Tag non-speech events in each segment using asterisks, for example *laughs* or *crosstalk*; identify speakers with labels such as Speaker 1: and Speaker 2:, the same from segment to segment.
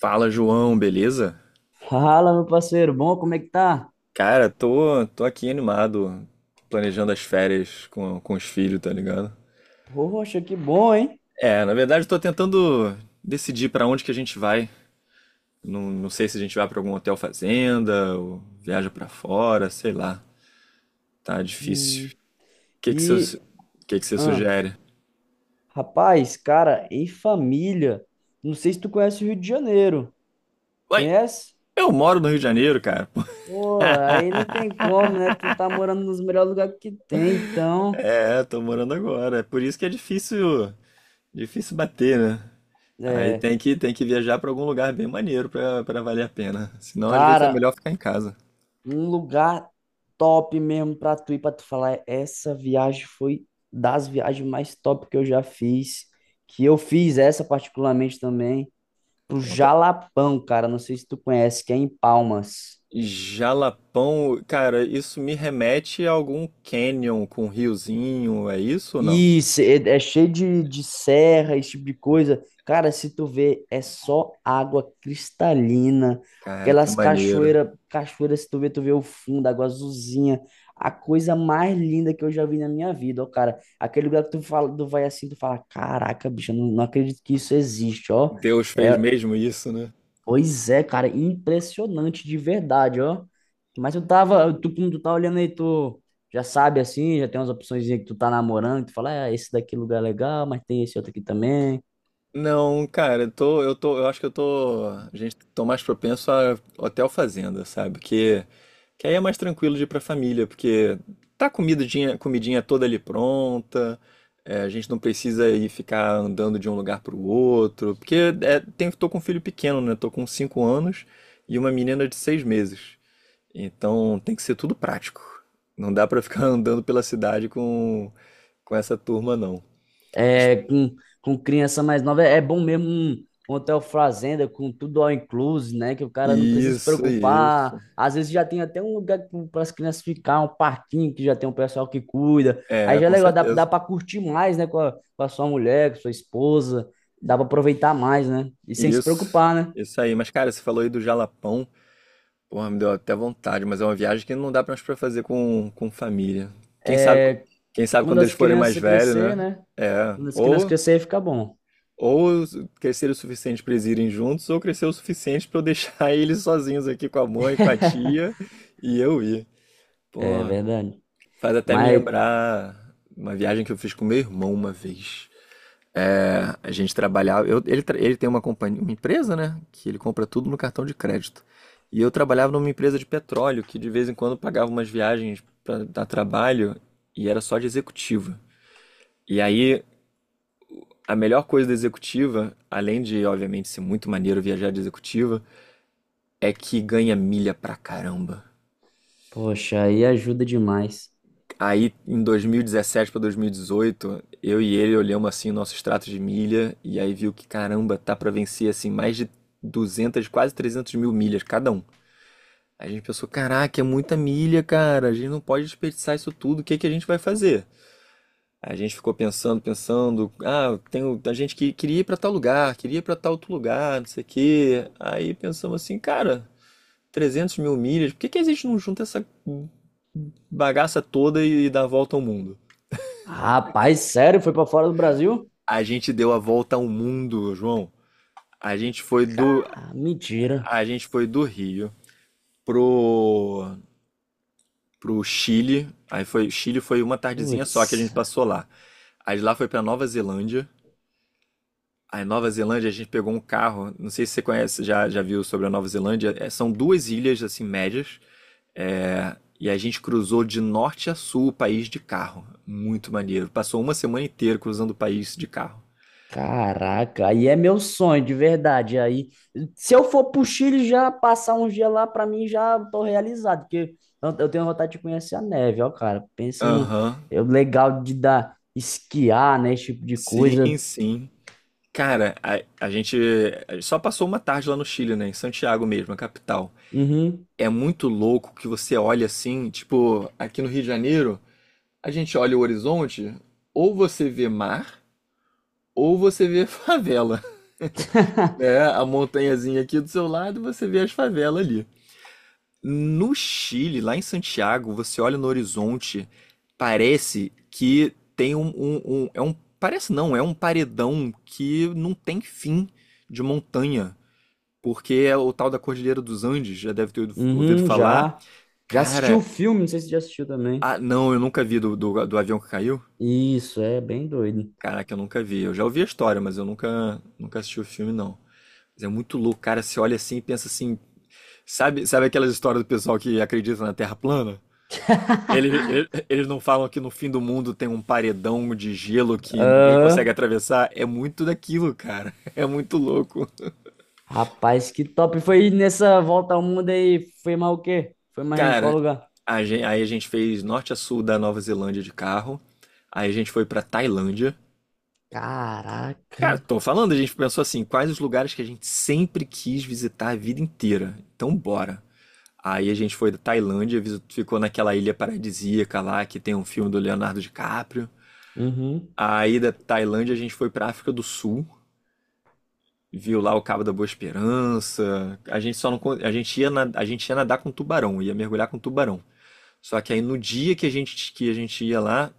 Speaker 1: Fala, João, beleza?
Speaker 2: Fala, meu parceiro, bom? Como é que tá?
Speaker 1: Cara, tô aqui animado, planejando as férias com os filhos, tá ligado?
Speaker 2: Poxa, que bom, hein?
Speaker 1: É, na verdade, tô tentando decidir pra onde que a gente vai. Não, não sei se a gente vai pra algum hotel fazenda, ou viaja pra fora, sei lá. Tá difícil.
Speaker 2: Hum,
Speaker 1: O que que
Speaker 2: E,
Speaker 1: você, Que você
Speaker 2: ah,
Speaker 1: sugere?
Speaker 2: rapaz, cara, em família, não sei se tu conhece o Rio de Janeiro,
Speaker 1: Ué,
Speaker 2: conhece?
Speaker 1: eu moro no Rio de Janeiro, cara.
Speaker 2: Pô, aí não tem como, né?
Speaker 1: *laughs*
Speaker 2: Tu tá morando nos melhores lugares que tem, então,
Speaker 1: É, tô morando agora. É por isso que é difícil. Difícil bater, né? Aí
Speaker 2: é,
Speaker 1: tem que viajar pra algum lugar bem maneiro pra valer a pena. Senão, às vezes, é
Speaker 2: cara,
Speaker 1: melhor ficar em casa.
Speaker 2: um lugar top mesmo pra tu ir, pra tu falar, essa viagem foi das viagens mais top que eu já fiz, que eu fiz essa particularmente também. Pro
Speaker 1: Conta.
Speaker 2: Jalapão, cara. Não sei se tu conhece, que é em Palmas.
Speaker 1: Jalapão, cara, isso me remete a algum canyon com riozinho, é isso ou não?
Speaker 2: Isso é cheio de serra, esse tipo de coisa. Cara, se tu vê, é só água cristalina.
Speaker 1: Cara, que
Speaker 2: Aquelas
Speaker 1: maneiro.
Speaker 2: cachoeiras, se tu vê, tu vê o fundo, água azulzinha. A coisa mais linda que eu já vi na minha vida, ó, cara. Aquele lugar que tu fala, tu vai assim, tu fala, caraca, bicho, eu não acredito que isso existe, ó.
Speaker 1: Deus fez
Speaker 2: É,
Speaker 1: mesmo isso, né?
Speaker 2: pois é, cara, impressionante de verdade, ó. Mas eu tava, tu, como tu tá olhando aí, tu já sabe assim, já tem umas opções que tu tá namorando, que tu fala, ah, esse daqui lugar é legal, mas tem esse outro aqui também.
Speaker 1: Não, cara, eu acho que a gente tô mais propenso a hotel fazenda, sabe? Que aí é mais tranquilo de ir pra família, porque tá a comidinha toda ali pronta. É, a gente não precisa ir ficar andando de um lugar pro outro, porque tô com um filho pequeno, né? Tô com 5 anos e uma menina de 6 meses. Então tem que ser tudo prático. Não dá pra ficar *laughs* andando pela cidade com essa turma, não.
Speaker 2: É, com criança mais nova. É bom mesmo um, um hotel fazenda com tudo all inclusive, né? Que o cara não precisa se
Speaker 1: Isso,
Speaker 2: preocupar.
Speaker 1: isso.
Speaker 2: Às vezes já tem até um lugar para as crianças ficar, um parquinho que já tem um pessoal que cuida. Aí
Speaker 1: É,
Speaker 2: já é
Speaker 1: com
Speaker 2: legal, dá
Speaker 1: certeza.
Speaker 2: para curtir mais, né? Com com a sua mulher, com a sua esposa. Dá para aproveitar mais, né? E sem se
Speaker 1: Isso.
Speaker 2: preocupar, né?
Speaker 1: Isso aí. Mas, cara, você falou aí do Jalapão. Porra, me deu até vontade, mas é uma viagem que não dá mais pra fazer com família. Quem sabe,
Speaker 2: É,
Speaker 1: quem sabe
Speaker 2: quando
Speaker 1: quando
Speaker 2: as
Speaker 1: eles forem mais
Speaker 2: crianças
Speaker 1: velhos,
Speaker 2: crescer,
Speaker 1: né?
Speaker 2: né?
Speaker 1: É.
Speaker 2: Quando as crianças
Speaker 1: Ou,
Speaker 2: crescer, fica bom.
Speaker 1: ou crescer o suficiente pra eles irem juntos, ou crescer o suficiente pra eu deixar *laughs* eles sozinhos aqui com a mãe, com a tia e eu ir.
Speaker 2: É
Speaker 1: Pô,
Speaker 2: verdade.
Speaker 1: faz até me
Speaker 2: Mas,
Speaker 1: lembrar uma viagem que eu fiz com meu irmão uma vez. A gente trabalhava. Ele, ele tem uma companhia, uma empresa, né? Que ele compra tudo no cartão de crédito. E eu trabalhava numa empresa de petróleo que de vez em quando pagava umas viagens para dar trabalho e era só de executiva. E aí a melhor coisa da executiva, além de obviamente ser muito maneiro viajar de executiva, é que ganha milha pra caramba.
Speaker 2: poxa, aí ajuda demais.
Speaker 1: Aí, em 2017 para 2018, eu e ele olhamos assim o nosso extrato de milha e aí viu que, caramba, tá para vencer assim mais de 200, quase 300 mil milhas cada um. A gente pensou, caraca, é muita milha, cara, a gente não pode desperdiçar isso tudo, o que que a gente vai fazer? A gente ficou pensando, pensando, ah, tem a gente que queria ir para tal lugar, queria ir para tal outro lugar, não sei o quê. Aí pensamos assim, cara, 300 mil milhas, por que que a gente não junta essa bagaça toda e dá a volta ao mundo?
Speaker 2: Rapaz, sério? Foi pra fora do Brasil?
Speaker 1: A gente deu a volta ao mundo, João. A gente foi do,
Speaker 2: Cara, mentira.
Speaker 1: a gente foi do Rio pro, pro Chile. Chile foi uma tardezinha só que a gente
Speaker 2: Putz,
Speaker 1: passou lá. Aí de lá foi pra Nova Zelândia. Aí Nova Zelândia a gente pegou um carro. Não sei se você conhece, já viu sobre a Nova Zelândia. É, são duas ilhas assim médias. É, e a gente cruzou de norte a sul o país de carro. Muito maneiro. Passou uma semana inteira cruzando o país de carro.
Speaker 2: caraca, aí é meu sonho, de verdade. Aí, se eu for pro Chile já passar um dia lá, pra mim já tô realizado, porque eu tenho vontade de conhecer a neve, ó, cara. Pensa no
Speaker 1: Aham.
Speaker 2: eu, legal de dar esquiar, né, esse tipo de
Speaker 1: Sim,
Speaker 2: coisa.
Speaker 1: sim. Cara, a gente só passou uma tarde lá no Chile, né? Em Santiago mesmo, a capital.
Speaker 2: Uhum,
Speaker 1: É muito louco que você olha assim, tipo, aqui no Rio de Janeiro, a gente olha o horizonte, ou você vê mar, ou você vê *laughs* favela,
Speaker 2: *laughs*
Speaker 1: né? A montanhazinha aqui do seu lado, você vê as favelas ali. No Chile, lá em Santiago, você olha no horizonte, parece que tem é um, parece não, é um paredão que não tem fim de montanha. Porque é o tal da Cordilheira dos Andes, já deve ter ouvido
Speaker 2: uhum,
Speaker 1: falar.
Speaker 2: já. Já assisti o
Speaker 1: Cara,
Speaker 2: filme, não sei se você já assistiu também.
Speaker 1: ah, não, eu nunca vi do avião que caiu.
Speaker 2: Isso, é bem doido.
Speaker 1: Caraca, eu nunca vi. Eu já ouvi a história, mas eu nunca, nunca assisti o filme, não. Mas é muito louco, cara. Você olha assim e pensa assim. Sabe aquelas histórias do pessoal que acredita na Terra plana? Eles não falam que no fim do mundo tem um paredão de gelo que ninguém consegue
Speaker 2: Aham.
Speaker 1: atravessar. É muito daquilo, cara. *laughs* É muito louco.
Speaker 2: Rapaz, que top. Foi nessa volta ao mundo aí, foi mais o quê? Foi mais em qual
Speaker 1: Cara,
Speaker 2: lugar?
Speaker 1: aí a gente fez norte a sul da Nova Zelândia de carro. Aí a gente foi pra Tailândia. Cara,
Speaker 2: Caraca.
Speaker 1: tô falando, a gente pensou assim, quais os lugares que a gente sempre quis visitar a vida inteira? Então bora. Aí a gente foi da Tailândia, ficou naquela ilha paradisíaca lá que tem um filme do Leonardo DiCaprio.
Speaker 2: Uhum.
Speaker 1: Aí da Tailândia a gente foi pra África do Sul, viu lá o Cabo da Boa Esperança. A gente só não, con- A gente ia nadar com tubarão, ia mergulhar com tubarão. Só que aí no dia que a gente ia lá,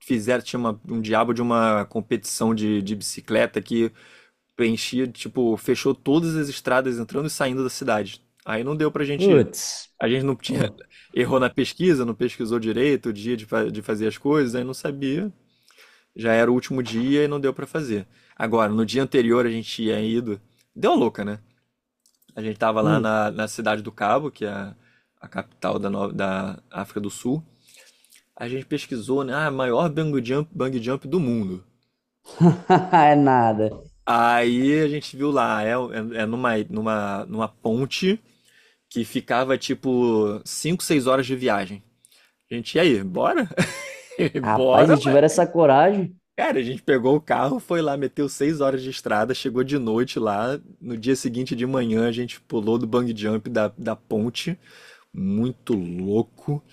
Speaker 1: tinha um diabo de uma competição de bicicleta que tipo, fechou todas as estradas entrando e saindo da cidade. Aí não deu pra gente ir.
Speaker 2: Putz.
Speaker 1: A gente não tinha,
Speaker 2: Pô.
Speaker 1: *laughs* errou na pesquisa, não pesquisou direito o dia de fazer as coisas, aí não sabia. Já era o último dia e não deu pra fazer. Agora, no dia anterior a gente tinha ido. Deu a louca, né? A gente tava lá
Speaker 2: Hum.
Speaker 1: na Cidade do Cabo, que é a capital da, no- da África do Sul. A gente pesquisou, né? Ah, maior bungee jump do mundo.
Speaker 2: *laughs* É nada.
Speaker 1: Aí a gente viu lá, numa ponte que ficava tipo 5 6 horas de viagem. E aí, bora? *laughs*
Speaker 2: Rapaz, se
Speaker 1: Bora, ué.
Speaker 2: tiver essa coragem,
Speaker 1: Cara, a gente pegou o carro, foi lá, meteu 6 horas de estrada, chegou de noite lá. No dia seguinte de manhã, a gente pulou do bungee jump da ponte, muito louco.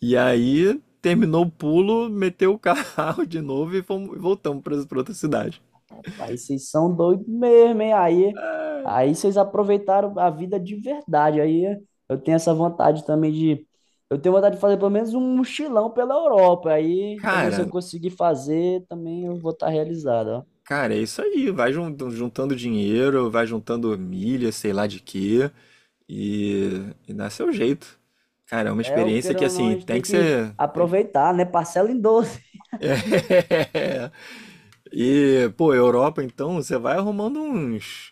Speaker 1: E aí, terminou o pulo, meteu o carro *laughs* de novo e fomos, voltamos para outra cidade.
Speaker 2: rapaz, vocês são doidos mesmo, hein? Aí,
Speaker 1: Ah,
Speaker 2: aí vocês aproveitaram a vida de verdade. Aí eu tenho essa vontade também de. Eu tenho vontade de fazer pelo menos um mochilão pela Europa. Aí também, se eu
Speaker 1: Cara,
Speaker 2: conseguir fazer, também eu vou estar realizado.
Speaker 1: Cara, é isso aí. Vai juntando dinheiro, vai juntando milha, sei lá de quê, e, e dá seu jeito. Cara, é uma
Speaker 2: É, o
Speaker 1: experiência
Speaker 2: queira
Speaker 1: que
Speaker 2: ou não, a
Speaker 1: assim,
Speaker 2: gente
Speaker 1: tem
Speaker 2: tem
Speaker 1: que
Speaker 2: que
Speaker 1: ser.
Speaker 2: aproveitar, né? Parcela em 12. *laughs*
Speaker 1: *laughs* E, pô, Europa, então, você vai arrumando uns,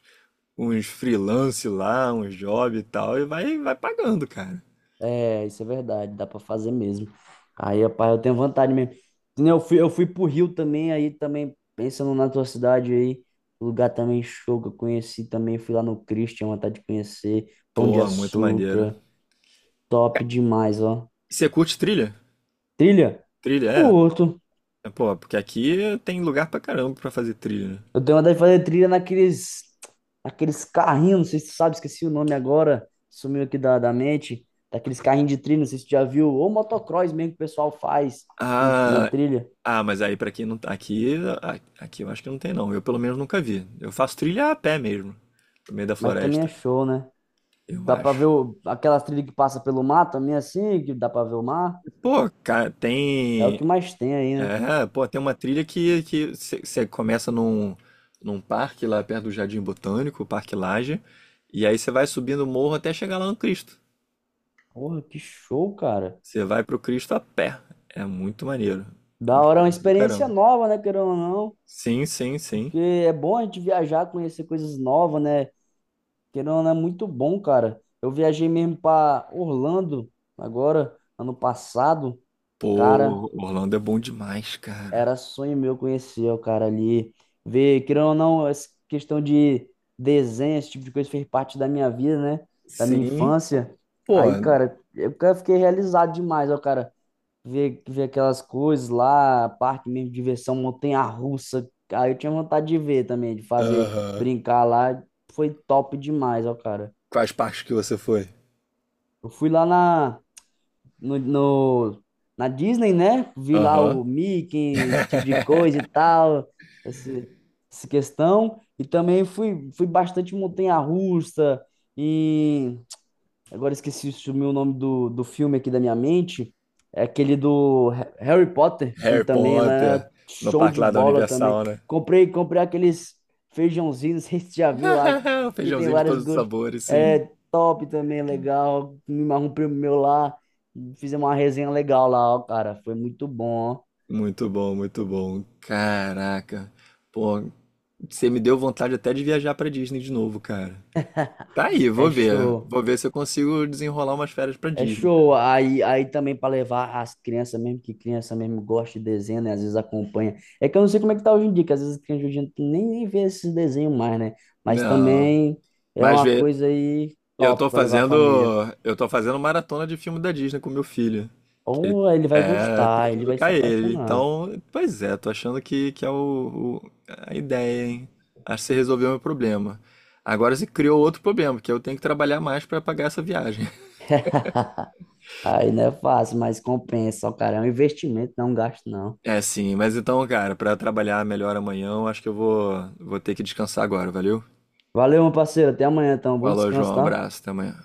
Speaker 1: uns freelance lá, uns job e tal, e vai pagando, cara.
Speaker 2: É, isso é verdade, dá pra fazer mesmo. Aí, rapaz, eu tenho vontade mesmo. Que nem Eu fui pro Rio também, aí também, pensando na tua cidade aí, lugar também show que eu conheci também, fui lá no Cristo, tinha vontade de conhecer, Pão de
Speaker 1: Pô, muito maneiro.
Speaker 2: Açúcar, top demais, ó.
Speaker 1: E você curte trilha?
Speaker 2: Trilha?
Speaker 1: Trilha, é.
Speaker 2: Curto.
Speaker 1: É, pô, porque aqui tem lugar pra caramba pra fazer trilha, né?
Speaker 2: Eu tenho vontade de fazer trilha naqueles, naqueles carrinhos, não sei se tu sabe, esqueci o nome agora, sumiu aqui da mente, daqueles carrinhos de trilha, não sei se tu já viu, ou motocross mesmo que o pessoal faz na
Speaker 1: Ah,
Speaker 2: trilha,
Speaker 1: ah, mas aí pra quem não tá aqui, a- aqui eu acho que não tem não. Eu pelo menos nunca vi. Eu faço trilha a pé mesmo, no meio da
Speaker 2: mas também é
Speaker 1: floresta,
Speaker 2: show, né?
Speaker 1: eu
Speaker 2: Dá pra ver
Speaker 1: acho.
Speaker 2: o, aquelas trilhas que passa pelo mar também, assim, que dá pra ver o mar,
Speaker 1: Pô, cara,
Speaker 2: é o
Speaker 1: tem,
Speaker 2: que mais tem aí, né?
Speaker 1: é, pô, tem uma trilha que você começa num parque lá perto do Jardim Botânico, o Parque Lage, e aí você vai subindo o morro até chegar lá no Cristo.
Speaker 2: Porra, que show, cara.
Speaker 1: Você vai pro Cristo a pé. É muito maneiro. É
Speaker 2: Da
Speaker 1: uma
Speaker 2: hora, é uma
Speaker 1: experiência do
Speaker 2: experiência
Speaker 1: caramba.
Speaker 2: nova, né, querendo ou não,
Speaker 1: Sim, sim, sim.
Speaker 2: porque é bom a gente viajar, conhecer coisas novas, né? Querendo ou não, é muito bom, cara. Eu viajei mesmo para Orlando agora, ano passado. Cara,
Speaker 1: Pô, Orlando é bom demais, cara.
Speaker 2: era sonho meu conhecer o cara ali. Ver, querendo ou não, essa questão de desenho, esse tipo de coisa fez parte da minha vida, né? Da minha
Speaker 1: Sim,
Speaker 2: infância.
Speaker 1: pô.
Speaker 2: Aí, cara, fiquei realizado demais, ó, cara. Ver aquelas coisas lá, parque mesmo, diversão, montanha-russa. Aí eu tinha vontade de ver também, de fazer,
Speaker 1: Aham.
Speaker 2: brincar lá. Foi top demais, ó, cara.
Speaker 1: Quais parques que você foi?
Speaker 2: Eu fui lá na no, no- na Disney, né? Vi lá
Speaker 1: Aham.
Speaker 2: o Mickey, esse tipo de
Speaker 1: *laughs*
Speaker 2: coisa e tal, esse, essa questão. E também fui bastante em montanha-russa, agora esqueci sumiu o nome do filme aqui da minha mente. É aquele do Harry Potter. Fui
Speaker 1: Harry
Speaker 2: também lá,
Speaker 1: Potter, no
Speaker 2: show
Speaker 1: parque
Speaker 2: de
Speaker 1: lá da
Speaker 2: bola também.
Speaker 1: Universal, né?
Speaker 2: Comprei aqueles feijãozinhos, *laughs* não sei se você já viu lá,
Speaker 1: *laughs* O
Speaker 2: que tem
Speaker 1: Feijãozinho de
Speaker 2: vários
Speaker 1: todos os
Speaker 2: gostos.
Speaker 1: sabores, sim.
Speaker 2: É top também, legal. Me marrou um primo meu lá. Fizemos uma resenha legal lá, ó, cara. Foi muito bom,
Speaker 1: Muito bom, muito bom. Caraca. Pô, você me deu vontade até de viajar pra Disney de novo, cara.
Speaker 2: ó.
Speaker 1: Tá aí,
Speaker 2: *laughs* É
Speaker 1: vou ver.
Speaker 2: show.
Speaker 1: Vou ver se eu consigo desenrolar umas férias pra
Speaker 2: É
Speaker 1: Disney.
Speaker 2: show. Aí, aí também para levar as crianças mesmo, que criança mesmo gosta de desenho, né? Às vezes acompanha. É que eu não sei como é que tá hoje em dia, que às vezes as crianças hoje em dia nem vê esses desenhos mais, né? Mas
Speaker 1: Não,
Speaker 2: também é
Speaker 1: mas
Speaker 2: uma
Speaker 1: vê,
Speaker 2: coisa aí
Speaker 1: eu tô
Speaker 2: top para levar a
Speaker 1: fazendo,
Speaker 2: família.
Speaker 1: eu tô fazendo maratona de filme da Disney com meu filho. Ele-
Speaker 2: Ou ele vai
Speaker 1: É, tem
Speaker 2: gostar,
Speaker 1: que
Speaker 2: ele vai se
Speaker 1: educar ele.
Speaker 2: apaixonar.
Speaker 1: Então, pois é, tô achando que é a ideia, hein? Acho que você resolveu meu problema. Agora se criou outro problema, que eu tenho que trabalhar mais para pagar essa viagem. *laughs*
Speaker 2: *laughs* Aí não é fácil, mas compensa, ó, cara. É um investimento, não é um gasto, não.
Speaker 1: É, sim, mas então, cara, para trabalhar melhor amanhã, eu acho que eu vou ter que descansar agora, valeu?
Speaker 2: Valeu, meu parceiro. Até amanhã, então. Bom
Speaker 1: Falou,
Speaker 2: descanso,
Speaker 1: João,
Speaker 2: tá?
Speaker 1: abraço, até amanhã.